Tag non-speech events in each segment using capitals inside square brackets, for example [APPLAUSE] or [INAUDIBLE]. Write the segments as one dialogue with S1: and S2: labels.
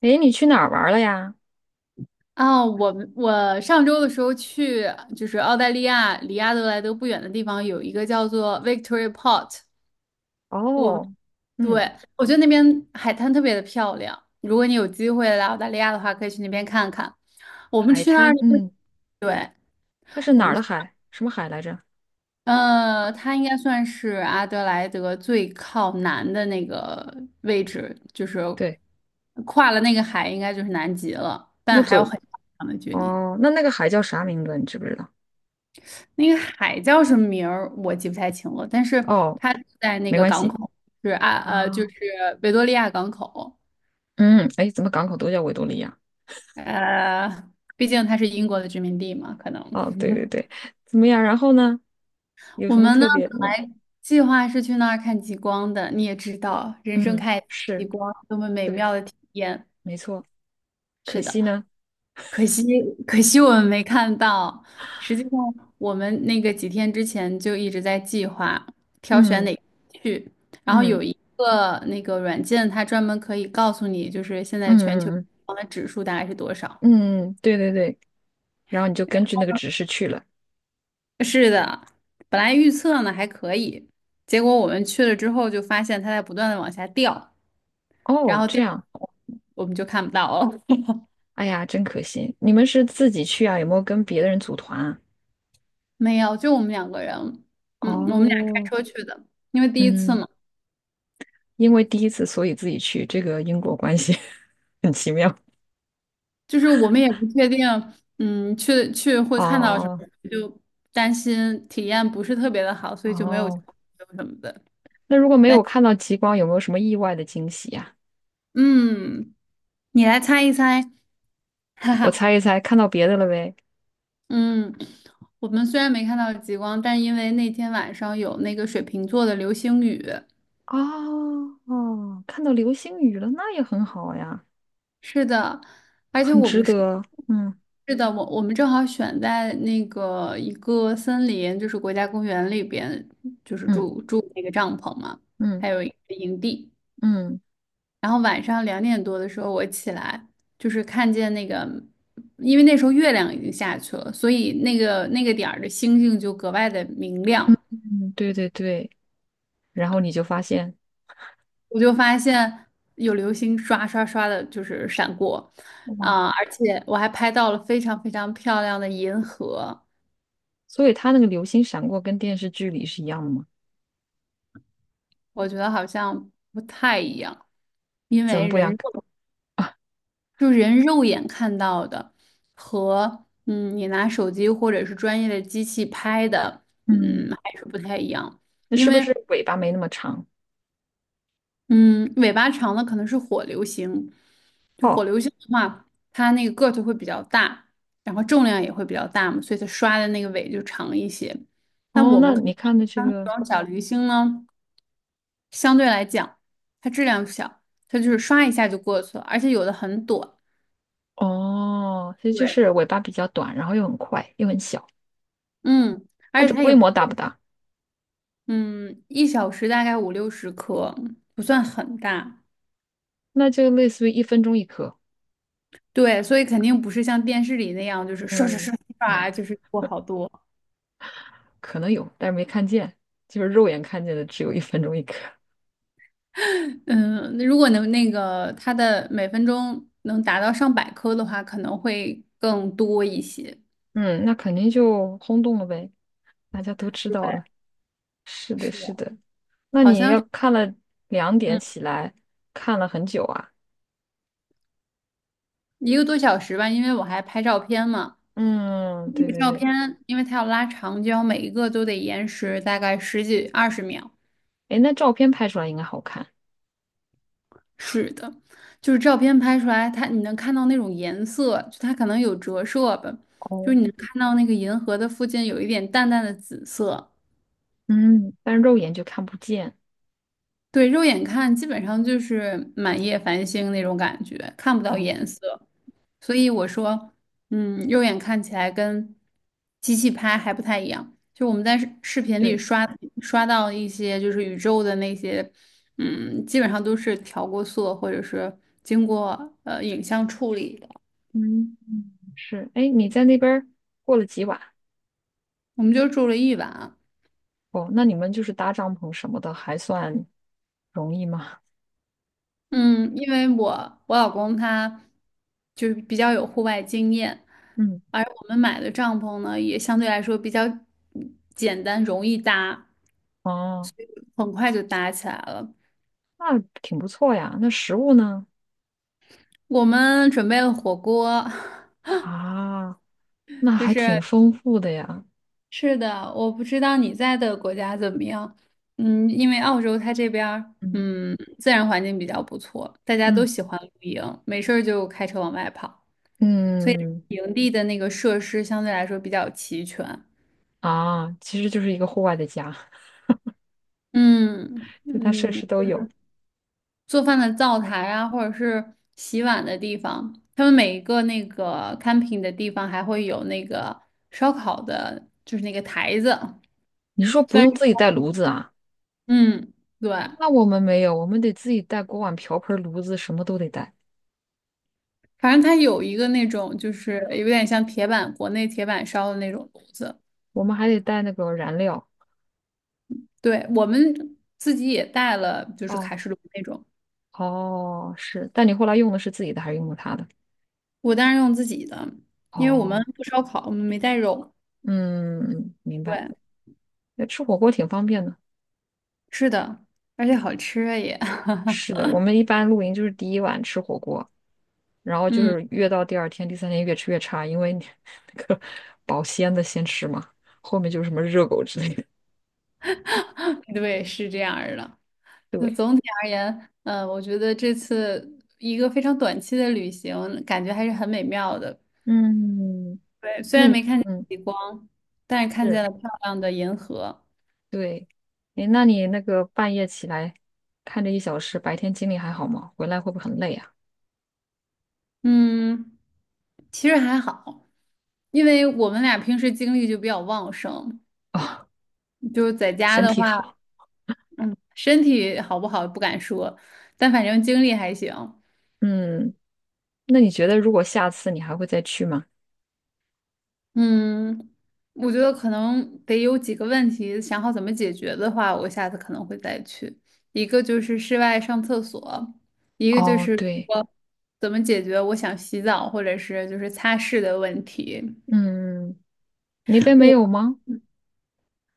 S1: 诶，你去哪儿玩了呀？
S2: 啊，我上周的时候去，就是澳大利亚离阿德莱德不远的地方，有一个叫做 Victory Port。我们
S1: 哦。
S2: 对，
S1: 嗯。
S2: 我觉得那边海滩特别的漂亮，如果你有机会来澳大利亚的话，可以去那边看看。我们
S1: 海
S2: 去那儿
S1: 滩，
S2: 的时候，
S1: 嗯，
S2: 对，
S1: 它是
S2: 我
S1: 哪儿
S2: 们
S1: 的
S2: 去，
S1: 海？什么海来着？
S2: 呃，它应该算是阿德莱德最靠南的那个位置，就是
S1: 对。
S2: 跨了那个海，应该就是南极了，
S1: 那
S2: 但还
S1: 走。
S2: 有很长的距离。
S1: 哦，那那个海叫啥名字？你知不知道？
S2: 那个海叫什么名儿我记不太清了，但是
S1: 哦，
S2: 它在那
S1: 没
S2: 个
S1: 关
S2: 港
S1: 系。
S2: 口，是啊就是
S1: 啊。
S2: 维多利亚港口。
S1: 嗯。哎，怎么港口都叫维多利亚？
S2: 呃，毕竟它是英国的殖民地嘛，可能
S1: 哦，对对对，怎么样？然后呢？有
S2: 我
S1: 什么
S2: 们呢
S1: 特别？
S2: 本
S1: 嗯
S2: 来计划是去那儿看极光的，你也知道，人生
S1: 嗯。
S2: 看一次极
S1: 是。
S2: 光多么美
S1: 对。
S2: 妙的体验。
S1: 没错。可
S2: 是
S1: 惜
S2: 的。
S1: 呢，
S2: 可惜，可惜，我们没看到。实际上，我们那个几天之前就一直在计划挑选
S1: 嗯
S2: 哪个去，然后
S1: 嗯
S2: 有一个那个软件，它专门可以告诉你，就是现在全球
S1: 嗯嗯
S2: 的指数大概是多少。
S1: 嗯,对对对。然后你就根据那个指示去了。
S2: 是的，本来预测呢还可以，结果我们去了之后就发现它在不断的往下掉，然
S1: 哦，
S2: 后掉，
S1: 这样。
S2: 我们就看不到了。[LAUGHS]
S1: 哎呀，真可惜！你们是自己去啊？有没有跟别的人组团啊？
S2: 没有，就我们两个人，我们俩开
S1: 哦。
S2: 车去的，因为第一次
S1: 嗯，
S2: 嘛。
S1: 因为第一次，所以自己去，这个因果关系 [LAUGHS] 很奇妙。
S2: 就是我们也不确定，去会看到什
S1: 哦。
S2: 么，就担心体验不是特别的好，所以就没有交
S1: 哦，
S2: 流什么的。
S1: 那如果没有看到极光，有没有什么意外的惊喜呀、
S2: 嗯，你来猜一猜。[LAUGHS] 哈
S1: 我
S2: 哈。
S1: 猜一猜，看到别的了呗？
S2: 嗯，我们虽然没看到极光，但因为那天晚上有那个水瓶座的流星雨。
S1: 哦。哦，看到流星雨了，那也很好呀，
S2: 是的，而且
S1: 很
S2: 我
S1: 值
S2: 们是。
S1: 得。嗯
S2: 是的，我们正好选在那个一个森林，就是国家公园里边，就是
S1: 嗯
S2: 住住那个帐篷嘛，
S1: 嗯
S2: 还有一个营地。
S1: 嗯
S2: 然后晚上2点多的时候我起来，就是看见那个，因为那时候月亮已经下去了，所以那个点儿的星星就格外的明亮。
S1: 嗯,对对对。然后你就发现，
S2: 我就发现有流星刷刷刷的，就是闪过，啊、
S1: 哇。
S2: 而且我还拍到了非常非常漂亮的银河。
S1: 所以它那个流星闪过跟电视剧里是一样的吗？
S2: 我觉得好像不太一样，因
S1: 怎
S2: 为
S1: 么不一样？
S2: 人肉眼看到的和你拿手机或者是专业的机器拍的，
S1: 嗯，
S2: 还是不太一样。
S1: 那
S2: 因
S1: 是不
S2: 为
S1: 是尾巴没那么长？
S2: 嗯，尾巴长的可能是火流星，就
S1: 哦。
S2: 火流星的话，它那个个头会比较大，然后重量也会比较大嘛，所以它刷的那个尾就长一些。但
S1: 哦，
S2: 我
S1: 那
S2: 们看
S1: 你
S2: 到
S1: 看的这
S2: 像
S1: 个
S2: 那种小流星呢，相对来讲，它质量小，它就是刷一下就过去了，而且有的很短。
S1: 哦，其实就
S2: 对，
S1: 是尾巴比较短，然后又很快，又很小。
S2: 嗯，
S1: 它
S2: 而
S1: 这
S2: 且它也
S1: 规
S2: 不。
S1: 模大不大？
S2: 嗯，1小时大概五六十颗，不算很大。
S1: 那就类似于一分钟一颗。
S2: 对，所以肯定不是像电视里那样，就是刷刷
S1: 嗯，
S2: 刷刷，就是过好多。
S1: 可能有，但是没看见，就是肉眼看见的只有一分钟一颗。
S2: [LAUGHS] 嗯，那如果能那个它的每分钟能达到上百颗的话，可能会更多一些。
S1: 嗯，那肯定就轰动了呗，大家都知
S2: 对，
S1: 道了。是的，
S2: 是的，
S1: 是的。那
S2: 好
S1: 你
S2: 像
S1: 要
S2: 是
S1: 看了两点
S2: 嗯
S1: 起来，看了很久啊。
S2: 一个多小时吧，因为我还拍照片嘛。
S1: 嗯，
S2: 那
S1: 对
S2: 个
S1: 对
S2: 照
S1: 对。
S2: 片，因为它要拉长，焦，每一个都得延时大概十几二十秒。
S1: 哎，那照片拍出来应该好看。
S2: 是的，就是照片拍出来，它你能看到那种颜色，就它可能有折射吧，就是你
S1: 哦。
S2: 能看到那个银河的附近有一点淡淡的紫色。
S1: 嗯，但肉眼就看不见。
S2: 对，肉眼看基本上就是满夜繁星那种感觉，看不到
S1: 哦。
S2: 颜色。所以我说，肉眼看起来跟机器拍还不太一样。就我们在视频里
S1: 对。
S2: 刷到一些就是宇宙的那些，基本上都是调过色或者是经过影像处理的。
S1: 嗯，是。哎，你在那边儿过了几晚？
S2: 我们就住了一晚。
S1: 哦，那你们就是搭帐篷什么的，还算容易吗？
S2: 嗯，因为我老公他就是比较有户外经验，
S1: 嗯。
S2: 而我们买的帐篷呢也相对来说比较简单，容易搭，
S1: 哦，
S2: 很快就搭起来了。
S1: 那挺不错呀。那食物呢？
S2: 我们准备了火锅。
S1: 啊，
S2: [LAUGHS]
S1: 那
S2: 就
S1: 还挺
S2: 是
S1: 丰富的呀。
S2: 是的，我不知道你在的国家怎么样。因为澳洲它这边儿
S1: 嗯。
S2: 自然环境比较不错，大家都
S1: 嗯
S2: 喜欢露营，没事儿就开车往外跑。所以
S1: 嗯，
S2: 营地的那个设施相对来说比较齐全。
S1: 啊，其实就是一个户外的家，
S2: 嗯
S1: 就它设
S2: 嗯，
S1: 施都有。
S2: 做饭的灶台啊，或者是洗碗的地方，他们每一个那个 camping 的地方还会有那个烧烤的，就是那个台子。
S1: 你是说不
S2: 虽然
S1: 用自己带炉子啊？
S2: 嗯，对，
S1: 那我们没有，我们得自己带锅碗瓢盆、炉子，什么都得带。
S2: 反正它有一个那种就是有点像铁板，国内铁板烧的那种炉子。
S1: 我们还得带那个燃料。
S2: 对，我们自己也带了，就是
S1: 哦。
S2: 卡式炉那种。
S1: 哦，是，但你后来用的是自己的还是用的他的？
S2: 我当然用自己的，因为我们
S1: 哦。
S2: 不烧烤，我们没带肉。
S1: 嗯，明白。
S2: 对。
S1: 那吃火锅挺方便的。
S2: 是的，而且好吃啊也。[LAUGHS]
S1: 是的，我们一般露营就是第一晚吃火锅，然后就
S2: 嗯。
S1: 是越到第二天、第三天越吃越差，因为你 [LAUGHS] 那个保鲜的先吃嘛，后面就是什么热狗之类的。
S2: [LAUGHS] 对，是这样儿的。就
S1: 对。
S2: 总体而言，我觉得这次一个非常短期的旅行，感觉还是很美妙的。
S1: 嗯，
S2: 对，虽
S1: 那
S2: 然
S1: 你
S2: 没看见
S1: 嗯
S2: 极光，但是看见
S1: 是
S2: 了漂亮的银河。
S1: 对，诶，那你那个半夜起来看这一小时，白天精力还好吗？回来会不会很累啊？
S2: 嗯，其实还好，因为我们俩平时精力就比较旺盛，
S1: [LAUGHS] 哦，
S2: 就是在家
S1: 身
S2: 的
S1: 体
S2: 话，
S1: 好。
S2: 嗯，身体好不好不敢说，但反正精力还行。
S1: 嗯。那你觉得如果下次你还会再去吗？
S2: 嗯，我觉得可能得有几个问题，想好怎么解决的话，我下次可能会再去。一个就是室外上厕所，一个就
S1: 哦，
S2: 是
S1: 对。
S2: 说怎么解决我想洗澡或者是就是擦拭的问题。
S1: 嗯，那边没
S2: 我
S1: 有吗？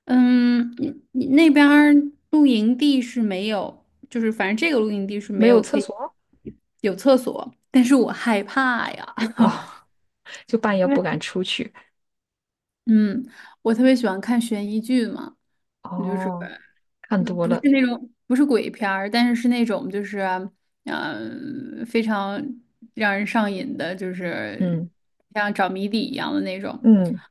S2: 嗯，你那边儿露营地是没有，就是反正这个露营地是
S1: 没
S2: 没
S1: 有
S2: 有可
S1: 厕
S2: 以
S1: 所？
S2: 有厕所，但是我害怕呀。
S1: 哦。
S2: [LAUGHS]
S1: [LAUGHS] 就半夜
S2: 因为
S1: 不敢出去。
S2: 嗯，我特别喜欢看悬疑剧嘛，你就是。
S1: 哦，看多
S2: 不是
S1: 了。
S2: 那种不是鬼片儿，但是是那种就是非常让人上瘾的，就是
S1: 嗯。
S2: 像找谜底一样的那种。
S1: 嗯，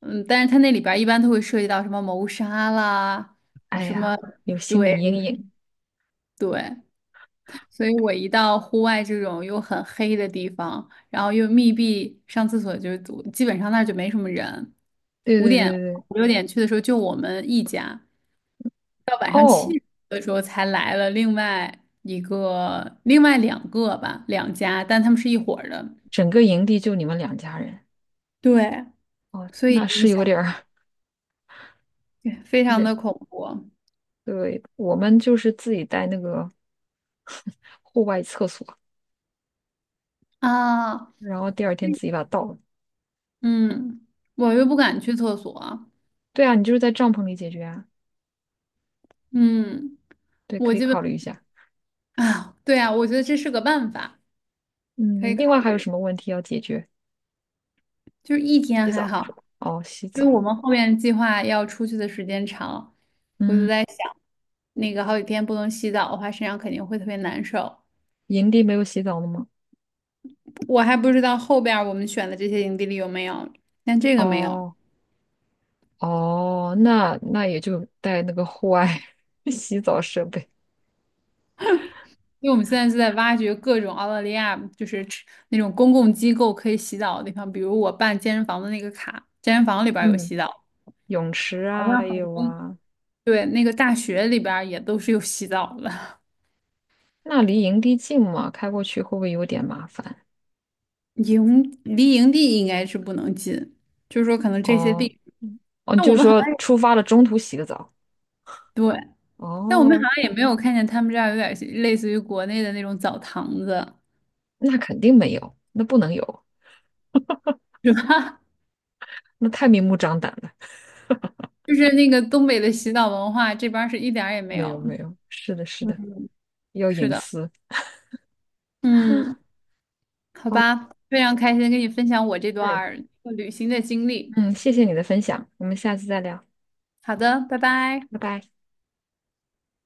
S2: 嗯，但是它那里边儿一般都会涉及到什么谋杀啦，
S1: 哎
S2: 什么
S1: 呀，有心理
S2: 对
S1: 阴影。
S2: 对，所以我一到户外这种又很黑的地方，然后又密闭，上厕所就是基本上那儿就没什么人。
S1: 对
S2: 五
S1: 对
S2: 点
S1: 对对。
S2: 五六点去的时候就我们一家。到晚上七
S1: 哦，
S2: 点的时候才来了另外一个、另外两个吧，两家，但他们是一伙儿的。
S1: 整个营地就你们两家人。
S2: 对，
S1: 哦，
S2: 所
S1: 那
S2: 以你
S1: 是
S2: 想，
S1: 有点儿
S2: 对非
S1: [LAUGHS]
S2: 常
S1: 人。
S2: 的恐怖
S1: 对，我们就是自己带那个户外厕所，
S2: 啊。
S1: 然后第二天自己把它倒了。
S2: 嗯，我又不敢去厕所。
S1: 对啊，你就是在帐篷里解决啊。
S2: 嗯，
S1: 对，
S2: 我
S1: 可以
S2: 基本
S1: 考虑一下。
S2: 啊，对啊，我觉得这是个办法，
S1: 嗯，你
S2: 可以
S1: 另
S2: 考
S1: 外还有
S2: 虑。
S1: 什么问题要解决？
S2: 就是一天
S1: 洗
S2: 还
S1: 澡是
S2: 好，
S1: 吧？哦，洗
S2: 因为
S1: 澡。
S2: 我们后面计划要出去的时间长，
S1: 嗯，
S2: 那个好几天不能洗澡的话，身上肯定会特别难受。
S1: 营地没有洗澡的吗？
S2: 我还不知道后边儿我们选的这些营地里有没有，但这个没有，
S1: 哦。哦，那那也就带那个户外 [LAUGHS] 洗澡设备。
S2: 因为我们现在是在挖掘各种澳大利亚就是吃那种公共机构可以洗澡的地方，比如我办健身房的那个卡，健身房里边儿有
S1: 嗯，
S2: 洗澡，
S1: 泳池
S2: 好像
S1: 啊也
S2: 很
S1: 有
S2: 多，
S1: 啊。
S2: 对，那个大学里边儿也都是有洗澡的。
S1: 那离营地近吗？开过去会不会有点麻烦？
S2: 离营地应该是不能近，就是说可能这些
S1: 哦。
S2: 地，
S1: 嗯。哦，
S2: 但
S1: 就
S2: 我
S1: 是
S2: 们好
S1: 说
S2: 像
S1: 出发了中途洗个澡。
S2: 对，但我们好
S1: 哦，
S2: 像也没有看见他们这儿有点类似于国内的那种澡堂子，
S1: 那肯定没有，那不能有，
S2: 是吧？[LAUGHS]
S1: 那太明目张胆了。
S2: 就是那个东北的洗澡文化，这边儿是一点儿也没
S1: 没有
S2: 有。
S1: 没有，是的，是的，
S2: 嗯，
S1: 要
S2: 是
S1: 隐
S2: 的，
S1: 私。
S2: 嗯，好
S1: 好。
S2: 吧，非常开心跟你分享我这段
S1: 嗯。
S2: 儿旅行的经历。
S1: 嗯，谢谢你的分享，我们下次再聊，
S2: 好的，拜拜。
S1: 拜拜。